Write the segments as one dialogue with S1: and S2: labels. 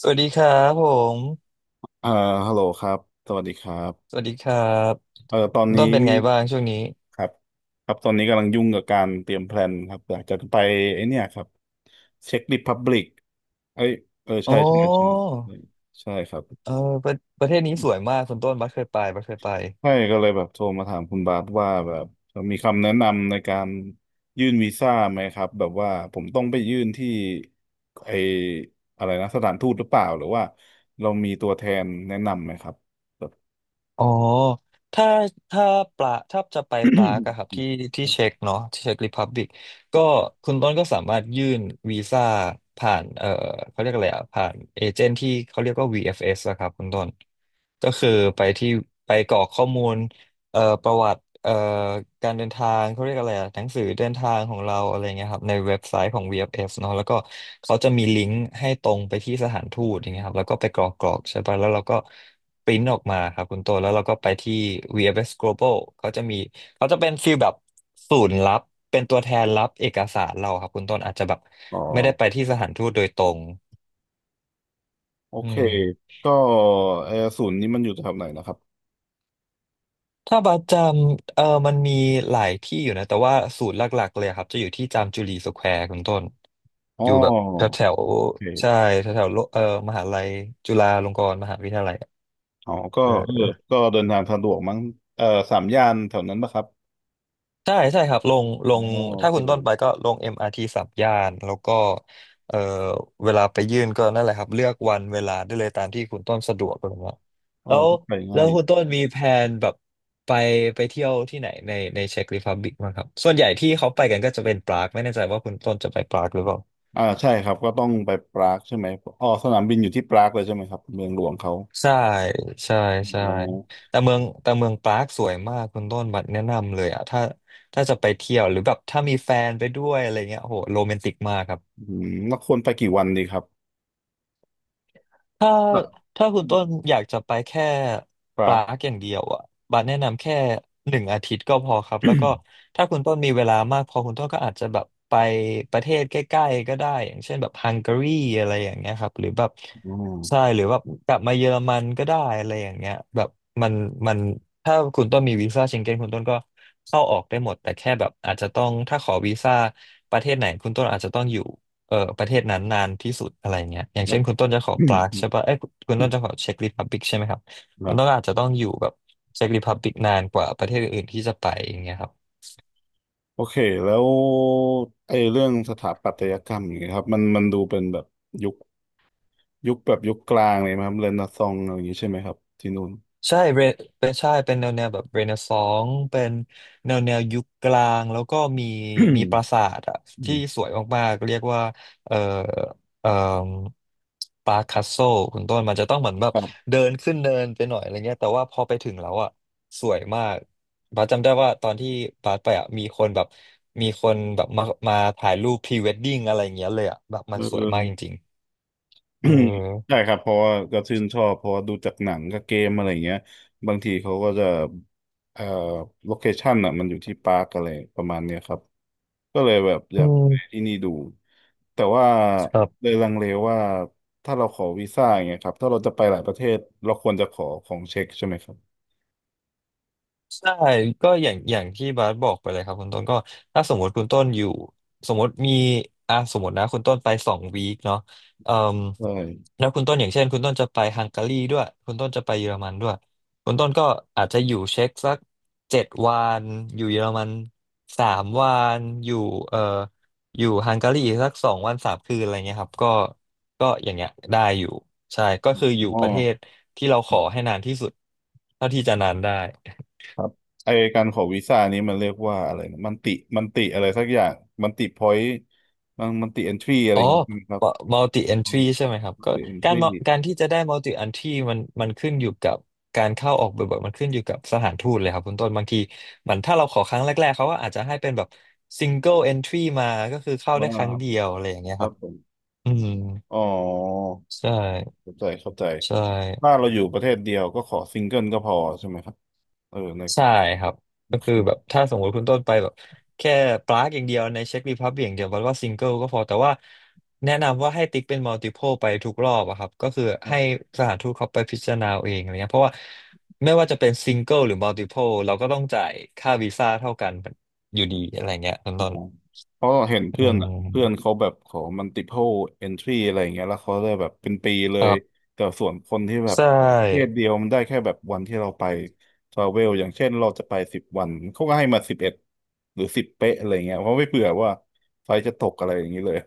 S1: สวัสดีครับผม
S2: อ่าฮัลโหลครับสวัสดีครั
S1: ส
S2: บ
S1: วัสดีครับ
S2: ตอนนี้
S1: ต้นเป็นไงบ้างช่วงนี้
S2: ครับครับ ตอนนี้กำลังยุ่งกับการเตรียมแพลนครับอยากจะไปไอ้เนี่ยครับเช็คริพับลิกเอ้ยเออ
S1: อ๋อ
S2: ใช่ใช่ใช่ใช่ใช่ครับ
S1: เออประประเทศนี้สวยมากคุณต้นบัสเคยไปบัสเคยไป
S2: ใช่ก็เลยแบบโทรมาถามคุณบาสว่าแบบมีคำแนะนำในการยื่นวีซ่าไหมครับแบบว่าผมต้องไปยื่นที่ไออะไรนะสถานทูตหรือเปล่าหรือว่าเรามีตัวแทนแนะนำไหมครับแบบ
S1: อ๋อถ้าถ้าปลาถ้าจะไปปลากอะครับที่ที่เช็กเนาะที่เช็กริพับบิกก็คุณต้นก็สามารถยื่นวีซ่าผ่านเขาเรียกอะไรอะผ่านเอเจนต์ที่เขาเรียกว่า VFS อฟเอสอะครับคุณต้นก็คือไปที่ไปกรอกข้อมูล ประวัติการเดินทางเขาเรียกอะไรอะหนังสือเดินทางของเราอะไรเงี้ยครับในเว็บไซต์ของ VFS เอฟเอฟเนาะแล้วก็เขาจะมีลิงก์ให้ตรงไปที่สถานทูตอย่างเงี้ยครับแล้วก็ไป กรอกกรอกใช่ปะแล้วเราก็ปริ้นออกมาครับคุณโตวแล้วเราก็ไปที่ VFS Global เขาจะมีเขาจะเป็นฟีลแบบศูนย์รับเป็นตัวแทนรับเอกสารเราครับคุณต้นอาจจะแบบ
S2: อ๋อ
S1: ไม่ได้ไปที่สถานทูตโดยตรง
S2: โอ
S1: อื
S2: เค
S1: ม
S2: ก็แอร์ศูนย์นี่มันอยู่แถวไหนนะครับ
S1: ถ้าบัสจำมันมีหลายที่อยู่นะแต่ว่าศูนย์หลักๆเลยครับจะอยู่ที่จามจุรีสแควร์คุณต้น
S2: อ๋
S1: อยู่แบบแถว
S2: อ
S1: แถว
S2: โอ
S1: ใช่
S2: เค
S1: แถวแถวโลมหาลัยจุฬาลงกรณ์มหาวิทยาลัยอะ
S2: อ๋อก็
S1: เออ
S2: เออก็เดินทางสะดวกมั้งเออสามย่านแถวนั้นปะครับ
S1: ใช่ใช่ครับลงล
S2: อ๋
S1: ง
S2: อโอ
S1: ถ้า
S2: เค
S1: คุณต้นไปก็ลง MRT สามย่านแล้วก็เอ่อเวลาไปยื่นก็นั่นแหละครับเลือกวันเวลาได้เลยตามที่คุณต้นสะดวกเลยว่า
S2: เออ
S1: แล้ว
S2: ก็ไป
S1: แล้
S2: ง่า
S1: ว
S2: ยอ
S1: คุณ
S2: ยู่
S1: ต้นมีแผนแบบไปไปเที่ยวที่ไหนในในเช็กรีพับลิกบ้างครับส่วนใหญ่ที่เขาไปกันก็จะเป็นปรากไม่แน่ใจว่าคุณต้นจะไปปรากหรือเปล่า
S2: อ่าใช่ครับ ก็ต้องไปปรากใช่ไหมอ๋อสนามบินอยู่ที่ปรากเลยใช่ไหมครับเมืองหลวงเขา
S1: ใช่ใช่ใช่
S2: อ๋อ
S1: แต่เมืองแต่เมืองปรากสวยมากคุณต้นบัดแนะนำเลยอ่ะถ้าถ้าจะไปเที่ยวหรือแบบถ้ามีแฟนไปด้วยอะไรเงี้ยโอ้โหโรแมนติกมากครับ
S2: อืมแล้วควรไปกี่วันดีครับ
S1: ถ้า
S2: อ่ะ
S1: ถ้าคุ
S2: อื
S1: ณต้
S2: ม
S1: นอยากจะไปแค่
S2: ป
S1: ป
S2: รา
S1: ลา
S2: ก
S1: ร์กอย่างเดียวอ่ะบาสแนะนำแค่หนึ่งอาทิตย์ก็พอครับแล้วก็ถ้าคุณต้นมีเวลามากพอคุณต้นก็อาจจะแบบไปประเทศใกล้ๆก็ได้อย่างเช่นแบบฮังการีอะไรอย่างเงี้ยครับหรือแบบ
S2: อ๋อ
S1: ใช่หรือแบบกลับมาเยอรมันก็ได้อะไรอย่างเงี้ยแบบมันมันถ้าคุณต้นมีวีซ่าเชงเก้นคุณต้นก็เข้าออกได้หมดแต่แค่แบบอาจจะต้องถ้าขอวีซ่าประเทศไหนคุณต้นอาจจะต้องอยู่ ประเทศนั้นนานที่สุดอะไรเงี้ยอย่าง
S2: แบ
S1: เช่
S2: บ
S1: นคุณ ต้นจะขอปรากใช่ปะเอ้ยคุณต้นจะขอเช็กริพับบิกใช่ไหมครับคุณ
S2: แบบ
S1: ต้นอาจจะต้องอยู่แบบเช็กริพับบิกนานกว่าประเทศอื่นๆที่จะไปอย่างเงี้ยครับ
S2: โอเคแล้วไอ้เรื่องสถาปัตยกรรมอย่างเงี้ยครับมันดูเป็นแบบยุคยุคกลางเลยไหมครับเรเนซองส์อะไรอย่างงี้ใช่ไหมครับที่นู่น
S1: ใช่เรเป็นใช่เป็นแนวแนวแบบเรเนซองส์เป็นแนวแนวยุคกลางแล้วก็มีมีปรา สาทอะ
S2: อื
S1: ที่
S2: ม
S1: สวยมากๆเรียกว่าเอ่อเอ่อปาคัสโซคุณต้นมันจะต้องเหมือนแบบ
S2: ครับ
S1: เดินขึ้นเนินไปหน่อยอะไรเงี้ยแต่ว่าพอไปถึงแล้วอะสวยมากบาสจำได้ว่าตอนที่บาสไปอะมีคนแบบมีคนแบบมามาถ่ายรูปพรีเวดดิ้งอะไรอย่างเงี้ยเลยอะแบบมั
S2: เอ
S1: นสวยมากจ
S2: อ
S1: ริงๆ เอ
S2: อื
S1: อ
S2: มใช่ครับเพราะว่าก็ชื่นชอบเพราะว่าดูจากหนังกับเกมอะไรอย่างเงี้ยบางทีเขาก็จะเอ่อโลเคชั่นอ่ะมันอยู่ที่ปาร์คอะไรประมาณเนี้ยครับก็เลยแบบอ
S1: อื
S2: ยากไป
S1: ม
S2: ที่นี่ดูแต่ว่า
S1: ครั
S2: เล
S1: บ
S2: ยลังเลว่าถ้าเราขอวีซ่าอย่างเงี้ยครับถ้าเราจะไปหลายประเทศเราควรจะขอของเช็คใช่ไหมครับ
S1: ใช่ก็อย่างอย่างที่บาสบอกไปเลยครับคุณต้นก็ถ้าสมมติคุณต้นอยู่สมมติมีอ่ะสมมตินะคุณต้นไปสองวีคเนาะเอ่ม
S2: ใช่
S1: แล้วคุณต้นอย่างเช่นคุณต้นจะไปฮังการีด้วยคุณต้นจะไปเยอรมันด้วยคุณต้นก็อาจจะอยู่เช็กสักเจ็ดวันอยู่เยอรมันสามวันอยู่เอ่ออยู่ฮังการีอีกสักสองวันสามคืนอะไรเงี้ยครับก็ก็อย่างเงี้ยได้อยู่ใช่ก็คืออยู่
S2: อ๋อ
S1: ประเทศที่เราขอให้นานที่สุดเท่าที่จะนานได้
S2: ครับไอการขอวีซ่านี้มันเรียกว่าอะไรนะมันติมันติอะไรสักอย่างมันติพอยต์มันติเอนทรีอะไร
S1: อ๋
S2: อ
S1: อ
S2: ย่างเงี้ยครับ
S1: multi entry ใช่ไหมครับก็
S2: เป็น
S1: การ
S2: ที่
S1: การที่จะได้ multi entry มันขึ้นอยู่กับการเข้าออกบ่อยๆมันขึ้นอยู่กับสถานทูตเลยครับคุณต้นบางทีมันถ้าเราขอครั้งแรกๆเขาก็อาจจะให้เป็นแบบ single entry มาก็คือเข้า
S2: บ่า
S1: ได้ครั้งเดียวอะไรอย่างเงี้ย
S2: ค
S1: ค
S2: รับ
S1: รับ
S2: ผม
S1: อืม
S2: อ๋อ
S1: ใช่
S2: เข้าใจเข้าใจ
S1: ใช่
S2: ถ้าเราอยู่ประเทศเดียวก็ขอซิงเกิลก็พอใช่ไหมครับเออใน
S1: ใช่ครับ
S2: ใน
S1: ก็คือ
S2: คื
S1: แบบถ้าสมมติคุณต้นไปแบบแค่ปลากอย่างเดียวในเช็ครีพับ l ิกอย่างเดียวมันว่าซิงเกิลก็พอแต่ว่าแนะนำว่าให้ติ๊กเป็นมัลติ p l e ไปทุกรอบอะครับก็คือ
S2: ครั
S1: ให้
S2: บ
S1: สถานทูตเขาไปพิจารณาเอาเองอะไรเงี้ยเพราะว่าไม่ว่าจะเป็นซิงเกิลหรือมัลติ p l e เราก็ต้องจ่ายค่าวีซ่าเท่ากันอยู่ดีอะไรเงี้ยต้นต้น
S2: เพราะเห็น
S1: อื
S2: เพื่อนอ่ะเพื่อน
S1: ม
S2: เขาแบบขอมัลติ p l า entry อะไรอย่างเงี้ยแล้วเขาได้แบบเป็นปีเล
S1: ค
S2: ย
S1: รับ
S2: แต่ส่วนคนที่แบบ
S1: ใช
S2: ขอประเทศ
S1: ่
S2: เดียวมันได้แค่แบบวันที่เราไปทราเวลอย่างเช่นเราจะไป10 วันเขาก็ให้มา11หรือสิบเป๊ะอะไรเงี้ยเพราะไม่เผื่อว่าไฟจะตกอะไรอย่างนี้เลย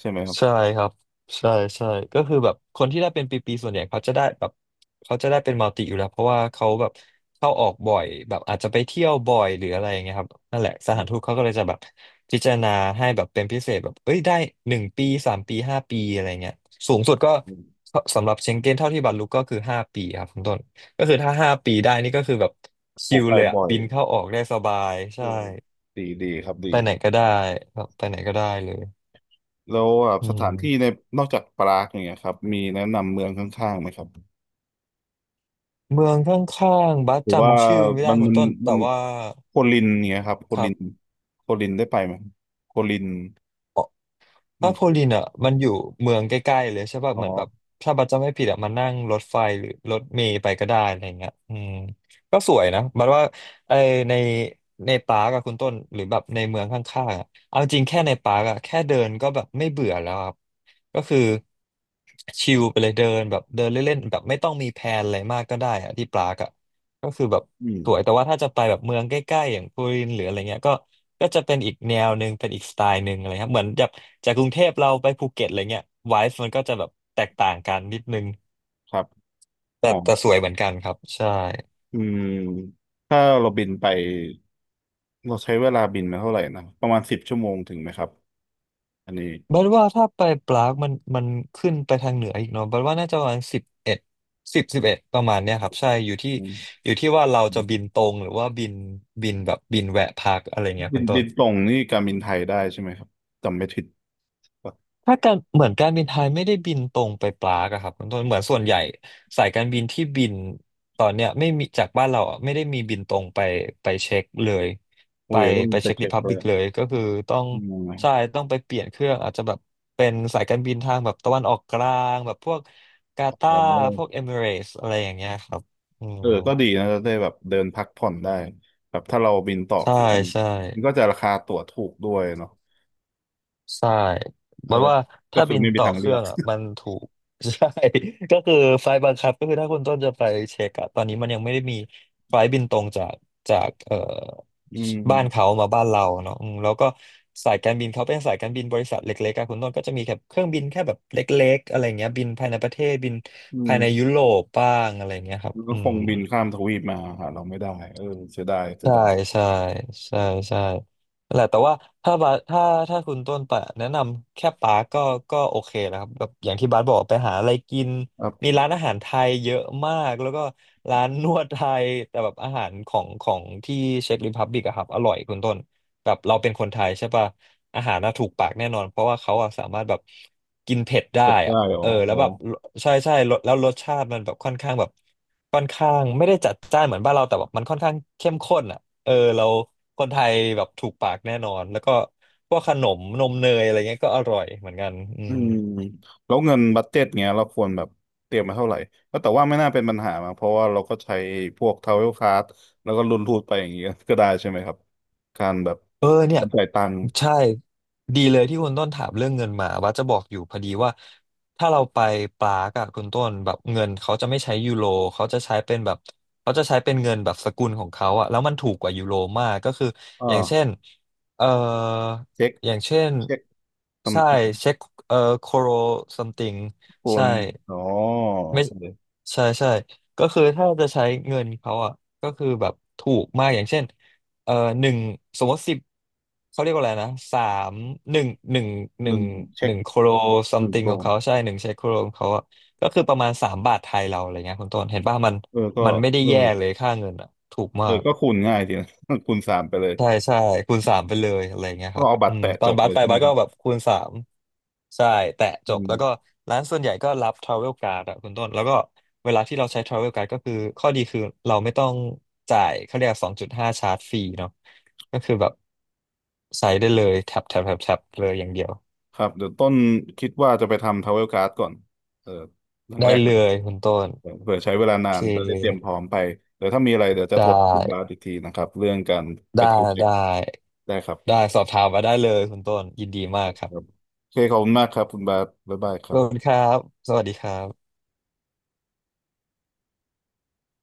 S2: ใช่ไหมครับ
S1: ใช่ครับใช่ใช่ก็คือแบบคนที่ได้เป็นปีๆส่วนใหญ่เขาจะได้แบบเขาจะได้เป็นมัลติอยู่แล้วเพราะว่าเขาแบบเข้าออกบ่อยแบบอาจจะไปเที่ยวบ่อยหรืออะไรอย่างเงี้ยครับนั่นแหละสถานทูตเขาก็เลยจะแบบพิจารณาให้แบบเป็นพิเศษแบบเอ้ยได้1 ปี3 ปีห้าปีอะไรเงี้ยสูงสุดก็สำหรับเชงเก้นเท่าที่บรรลุก็คือห้าปีครับคุณต้นก็คือถ้าห้าปีได้นี่ก็คือแบบ
S2: ผ
S1: ชิ
S2: ม
S1: ล
S2: ไป
S1: เลยอะ
S2: บ่อย
S1: บินเข้าออกได้สบายใช่
S2: อืมดีดีครับ
S1: ไป
S2: ดี
S1: ไหนก็ได้แบบไปไหนก็ได้เลย
S2: แล้วแบบ
S1: อื
S2: สถานที่ใน
S1: ม
S2: นอกจากปรากอย่างเงี้ยครับมีแนะนำเมืองข้างๆไหมครับ
S1: เมืองข้างๆบัส
S2: หรือว่า
S1: จำชื่อไม่ได้
S2: มัน
S1: คุณ
S2: มัน
S1: ต้นแต่
S2: มัน
S1: ว่า
S2: โคลินเนี่ยครับโค
S1: ครั
S2: ลิน
S1: บ
S2: โคลินได้ไปไหมโคลิน
S1: อ๋อ
S2: เมื
S1: พ้า
S2: อง
S1: โพ
S2: โคลิ
S1: ลิน
S2: น
S1: อ่ะมันอยู่เมืองใกล้ๆเลยใช่ป่ะ
S2: อ๋อ
S1: เหมือนแบบถ้าบัสจำไม่ผิดอ่ะมันนั่งรถไฟหรือรถเมล์ไปก็ได้อะไรเงี้ยอืมก็สวยนะบัสว่าไอในปาร์กอะคุณต้นหรือแบบในเมืองข้างๆอะเอาจริงแค่ในปาร์กอะแค่เดินก็แบบไม่เบื่อแล้วครับก็คือชิลไปเลยเดินแบบเดินเล่นๆแบบไม่ต้องมีแพลนอะไรมากก็ได้อะที่ปาร์กอะก็คือแบบ
S2: อืม
S1: สวยแต่ว่าถ้าจะไปแบบเมืองใกล้ๆอย่างปูรินหรืออะไรเงี้ยก็ก็จะเป็นอีกแนวหนึ่งเป็นอีกสไตล์หนึ่งอะไรครับเหมือนจากกรุงเทพเราไปภูเก็ตอะไรเงี้ยไวฟ์มันก็จะแบบแตกต่างกันนิดนึง
S2: ครับ
S1: แต่
S2: อ๋อ
S1: แต่สวยเหมือนกันครับใช่
S2: อืมถ้าเราบินไปเราใช้เวลาบินมาเท่าไหร่นะประมาณ10 ชั่วโมงถึงไหมครับอันนี้
S1: บัดว่าถ้าไปปรากมันขึ้นไปทางเหนืออีกเนาะบัดว่าน่าจะประมาณสิบเอ็ดสิบเอ็ดประมาณเนี้ยครับใช่อยู่ที่
S2: อืม
S1: อยู่ที่ว่าเรา
S2: อื
S1: จะ
S2: ม
S1: บินตรงหรือว่าบินแบบบินแวะพักอะไรเงี้ย
S2: บิ
S1: เป็
S2: น
S1: นต้
S2: บิ
S1: น
S2: นตรงนี่การบินไทยได้ใช่ไหมครับจำไม่ผิดป่ะ
S1: ถ้าการเหมือนการบินไทยไม่ได้บินตรงไปปรากอะครับคุณต้นเหมือนส่วนใหญ่สายการบินที่บินตอนเนี้ยไม่มีจากบ้านเราอะไม่ได้มีบินตรงไปไปเช็คเลยไป
S2: อุ้ยต้อง
S1: ไป
S2: ไป
S1: เช็คริ
S2: เช็ค
S1: พับ
S2: เล
S1: บิ
S2: ย
S1: กเลยก็คือต้อง
S2: อื
S1: ใช่
S2: ม
S1: ต้องไปเปลี่ยนเครื่องอาจจะแบบเป็นสายการบินทางแบบตะวันออกกลางแบบพวกกา
S2: โอ
S1: ตาร์พวกเอ
S2: ้
S1: มิเรตส์อะไรอย่างเงี้ยครับอืม
S2: เออก็ดีนะจะได้แบบเดินพักผ่อนได้แบบถ้าเราบินต่อ
S1: ใช่
S2: เครื่อง
S1: ใช่
S2: มันก็จะราคาตั๋วถูกด้วยเนาะ
S1: ใช่
S2: เออ
S1: มันว่า
S2: ก็
S1: ถ้า
S2: คือ
S1: บิน
S2: ไม่มี
S1: ต่อ
S2: ทาง
S1: เค
S2: เลื
S1: รื่
S2: อ
S1: อ
S2: ก
S1: งอ่ะมันถูก ใช่ก็คือไฟล์บังคับก็คือถ้าคุณต้นจะไปเช็คอะตอนนี้มันยังไม่ได้มีไฟล์บินตรงจากจาก
S2: อื
S1: บ้าน
S2: ม
S1: เขามาบ้านเราเนาะอืมแล้วก็สายการบินเขาเป็นสายการบินบริษัทเล็กๆอะคุณต้นก็จะมีแค่เครื่องบินแค่แบบเล็กๆอะไรเงี้ยบินภายในประเทศบิน
S2: อื
S1: ภา
S2: ม
S1: ยในยุโรปบ้างอะไรเงี้ยครับ
S2: มันก็
S1: อื
S2: ค
S1: ม
S2: งบินข้ามทวีปมาหาเราไม่ได้เออเสียดายเสีย
S1: ใช่
S2: ดาย
S1: ใช่ใช่ใช่นั่นแหละแต่ว่าถ้าบาสถ้าคุณต้นไปแนะนำแค่ปาร์กก็ก็โอเคนะครับแบบอย่างที่บาสบอกไปหาอะไรกิน
S2: ครั
S1: มี
S2: บ
S1: ร้านอาหารไทยเยอะมากแล้วก็ร้านนวดไทยแต่แบบอาหารของที่เช็กริพับบิกอะครับอร่อยคุณต้นแบบเราเป็นคนไทยใช่ปะอาหารน่าถูกปากแน่นอนเพราะว่าเขาอะสามารถแบบกินเผ็ดได้
S2: เก็บ
S1: อะ
S2: ได้อ๋
S1: เอ
S2: อ
S1: อ
S2: โห
S1: แล้วแบบใช่ใช่แล้วรสชาติมันแบบค่อนข้างแบบ ค่อนข้างไม่ได้จัดจ้านเหมือนบ้านเราแต่แบบมันค่อนข้างเข้มข้นอ่ะเออเราคนไทยแบบถูกปากแน่นอนแล้วก็พวกขนมนมเนยอะไรเงี้ยก็อร่อยเหมือนกันอื
S2: อื
S1: ม
S2: มแล้วเงินบัดเจ็ตเงี้ยเราควรแบบเตรียมมาเท่าไหร่ก็แต่ว่าไม่น่าเป็นปัญหามาเพราะว่าเราก็ใช้พวกทราเวลการ์ดแล้วก็รุนรูดไปอย่างเงี้ยก็ได้ใช่ไหมครับการแบบ
S1: เออเนี่ย
S2: การจ่ายตังค์
S1: ใช่ดีเลยที่คุณต้นถามเรื่องเงินมาว่าจะบอกอยู่พอดีว่าถ้าเราไปปรากอะคุณต้นแบบเงินเขาจะไม่ใช้ยูโรเขาจะใช้เป็นแบบเขาจะใช้เป็นเงินแบบสกุลของเขาอะแล้วมันถูกกว่ายูโรมากก็คือ
S2: อ
S1: อย่างเช่น
S2: ่า
S1: เอ่อ
S2: เช็ค
S1: อย่างเช่น
S2: เช็ค
S1: ใช่
S2: ทำกิน
S1: เช็คโคโร something
S2: โก
S1: ใช่
S2: นอ๋อโอ
S1: ไม่
S2: เค
S1: ใช่ใช่ก็คือถ้าจะใช้เงินเขาอ่ะก็คือแบบถูกมากอย่างเช่นเอ่อหนึ่งสมมติสิบเขาเรียกว่าอะไรนะสามหนึ่งหนึ่งห
S2: ห
S1: นึ่ง
S2: นึ่ง
S1: ห
S2: เช็ค
S1: นึ่งโคโรซั
S2: ห
S1: ม
S2: นึ่ง
S1: ติง
S2: โก
S1: ของ
S2: น
S1: เขาใช่หนึ่งใช้โคโรของเขาอ่ะก็คือประมาณ3 บาทไทยเราอะไรเงี้ยคุณต้นเห็นป่ะมัน
S2: เออก็
S1: มันไม่ได้
S2: เออ
S1: แย่เลยค่าเงินอ่ะถูก
S2: เอ
S1: มา
S2: อ
S1: ก
S2: ก็คูณง่ายดีนะ คูณสามไปเลย
S1: ใช่ใช่คูณสามไปเลยอะไรเงี้ย
S2: ก็
S1: ครับ
S2: เอาบั
S1: อื
S2: ตร
S1: ม
S2: แตะ
S1: ตอ
S2: จ
S1: น
S2: บ
S1: บั
S2: เล
S1: ส
S2: ย
S1: ไป
S2: ใช่ไหม
S1: บัส
S2: ค
S1: ก็
S2: รับ
S1: แบบคูณสามใช่แตะจ
S2: อื
S1: บแล้วก็
S2: ม
S1: ร้านส่วนใหญ่ก็รับทราเวลการ์ดอะคุณต้นแล้วก็เวลาที่เราใช้ทราเวลการ์ดก็คือข้อดีคือเราไม่ต้องจ่ายเขาเรียก2.5ชาร์จฟรีเนาะก็คือแบบใช้ได้เลยแท็บแท็บแท็บแท็บเลยอย่างเดียว
S2: ครับเดี๋ยวต้นคิดว่าจะไปทำท r a เวลก a r d ก่อนเอออย่าง
S1: ได้
S2: แรก
S1: เล
S2: เลย
S1: ยคุณต้น
S2: เออเผื่อใช้เวลา
S1: โอ
S2: นา
S1: เค
S2: นจะได้เตรียมพร้อมไปเดี๋ยวถ้ามีอะไรเดี๋ยวจะ
S1: ได้
S2: โทรคุณบาสอีกทีนะครับเรื่องการไป
S1: ได้
S2: เที่ยวเช็ค
S1: ได้
S2: ได้ครับ
S1: ได้สอบถามมาได้เลยคุณต้นยินดีมา
S2: ครั
S1: ก
S2: บ
S1: ครับ
S2: โอเคขอบคุณมากครับคุณบาสบ๊ายบายค
S1: ข
S2: รั
S1: อบคุณ
S2: บ
S1: ครับสวัสดีครับ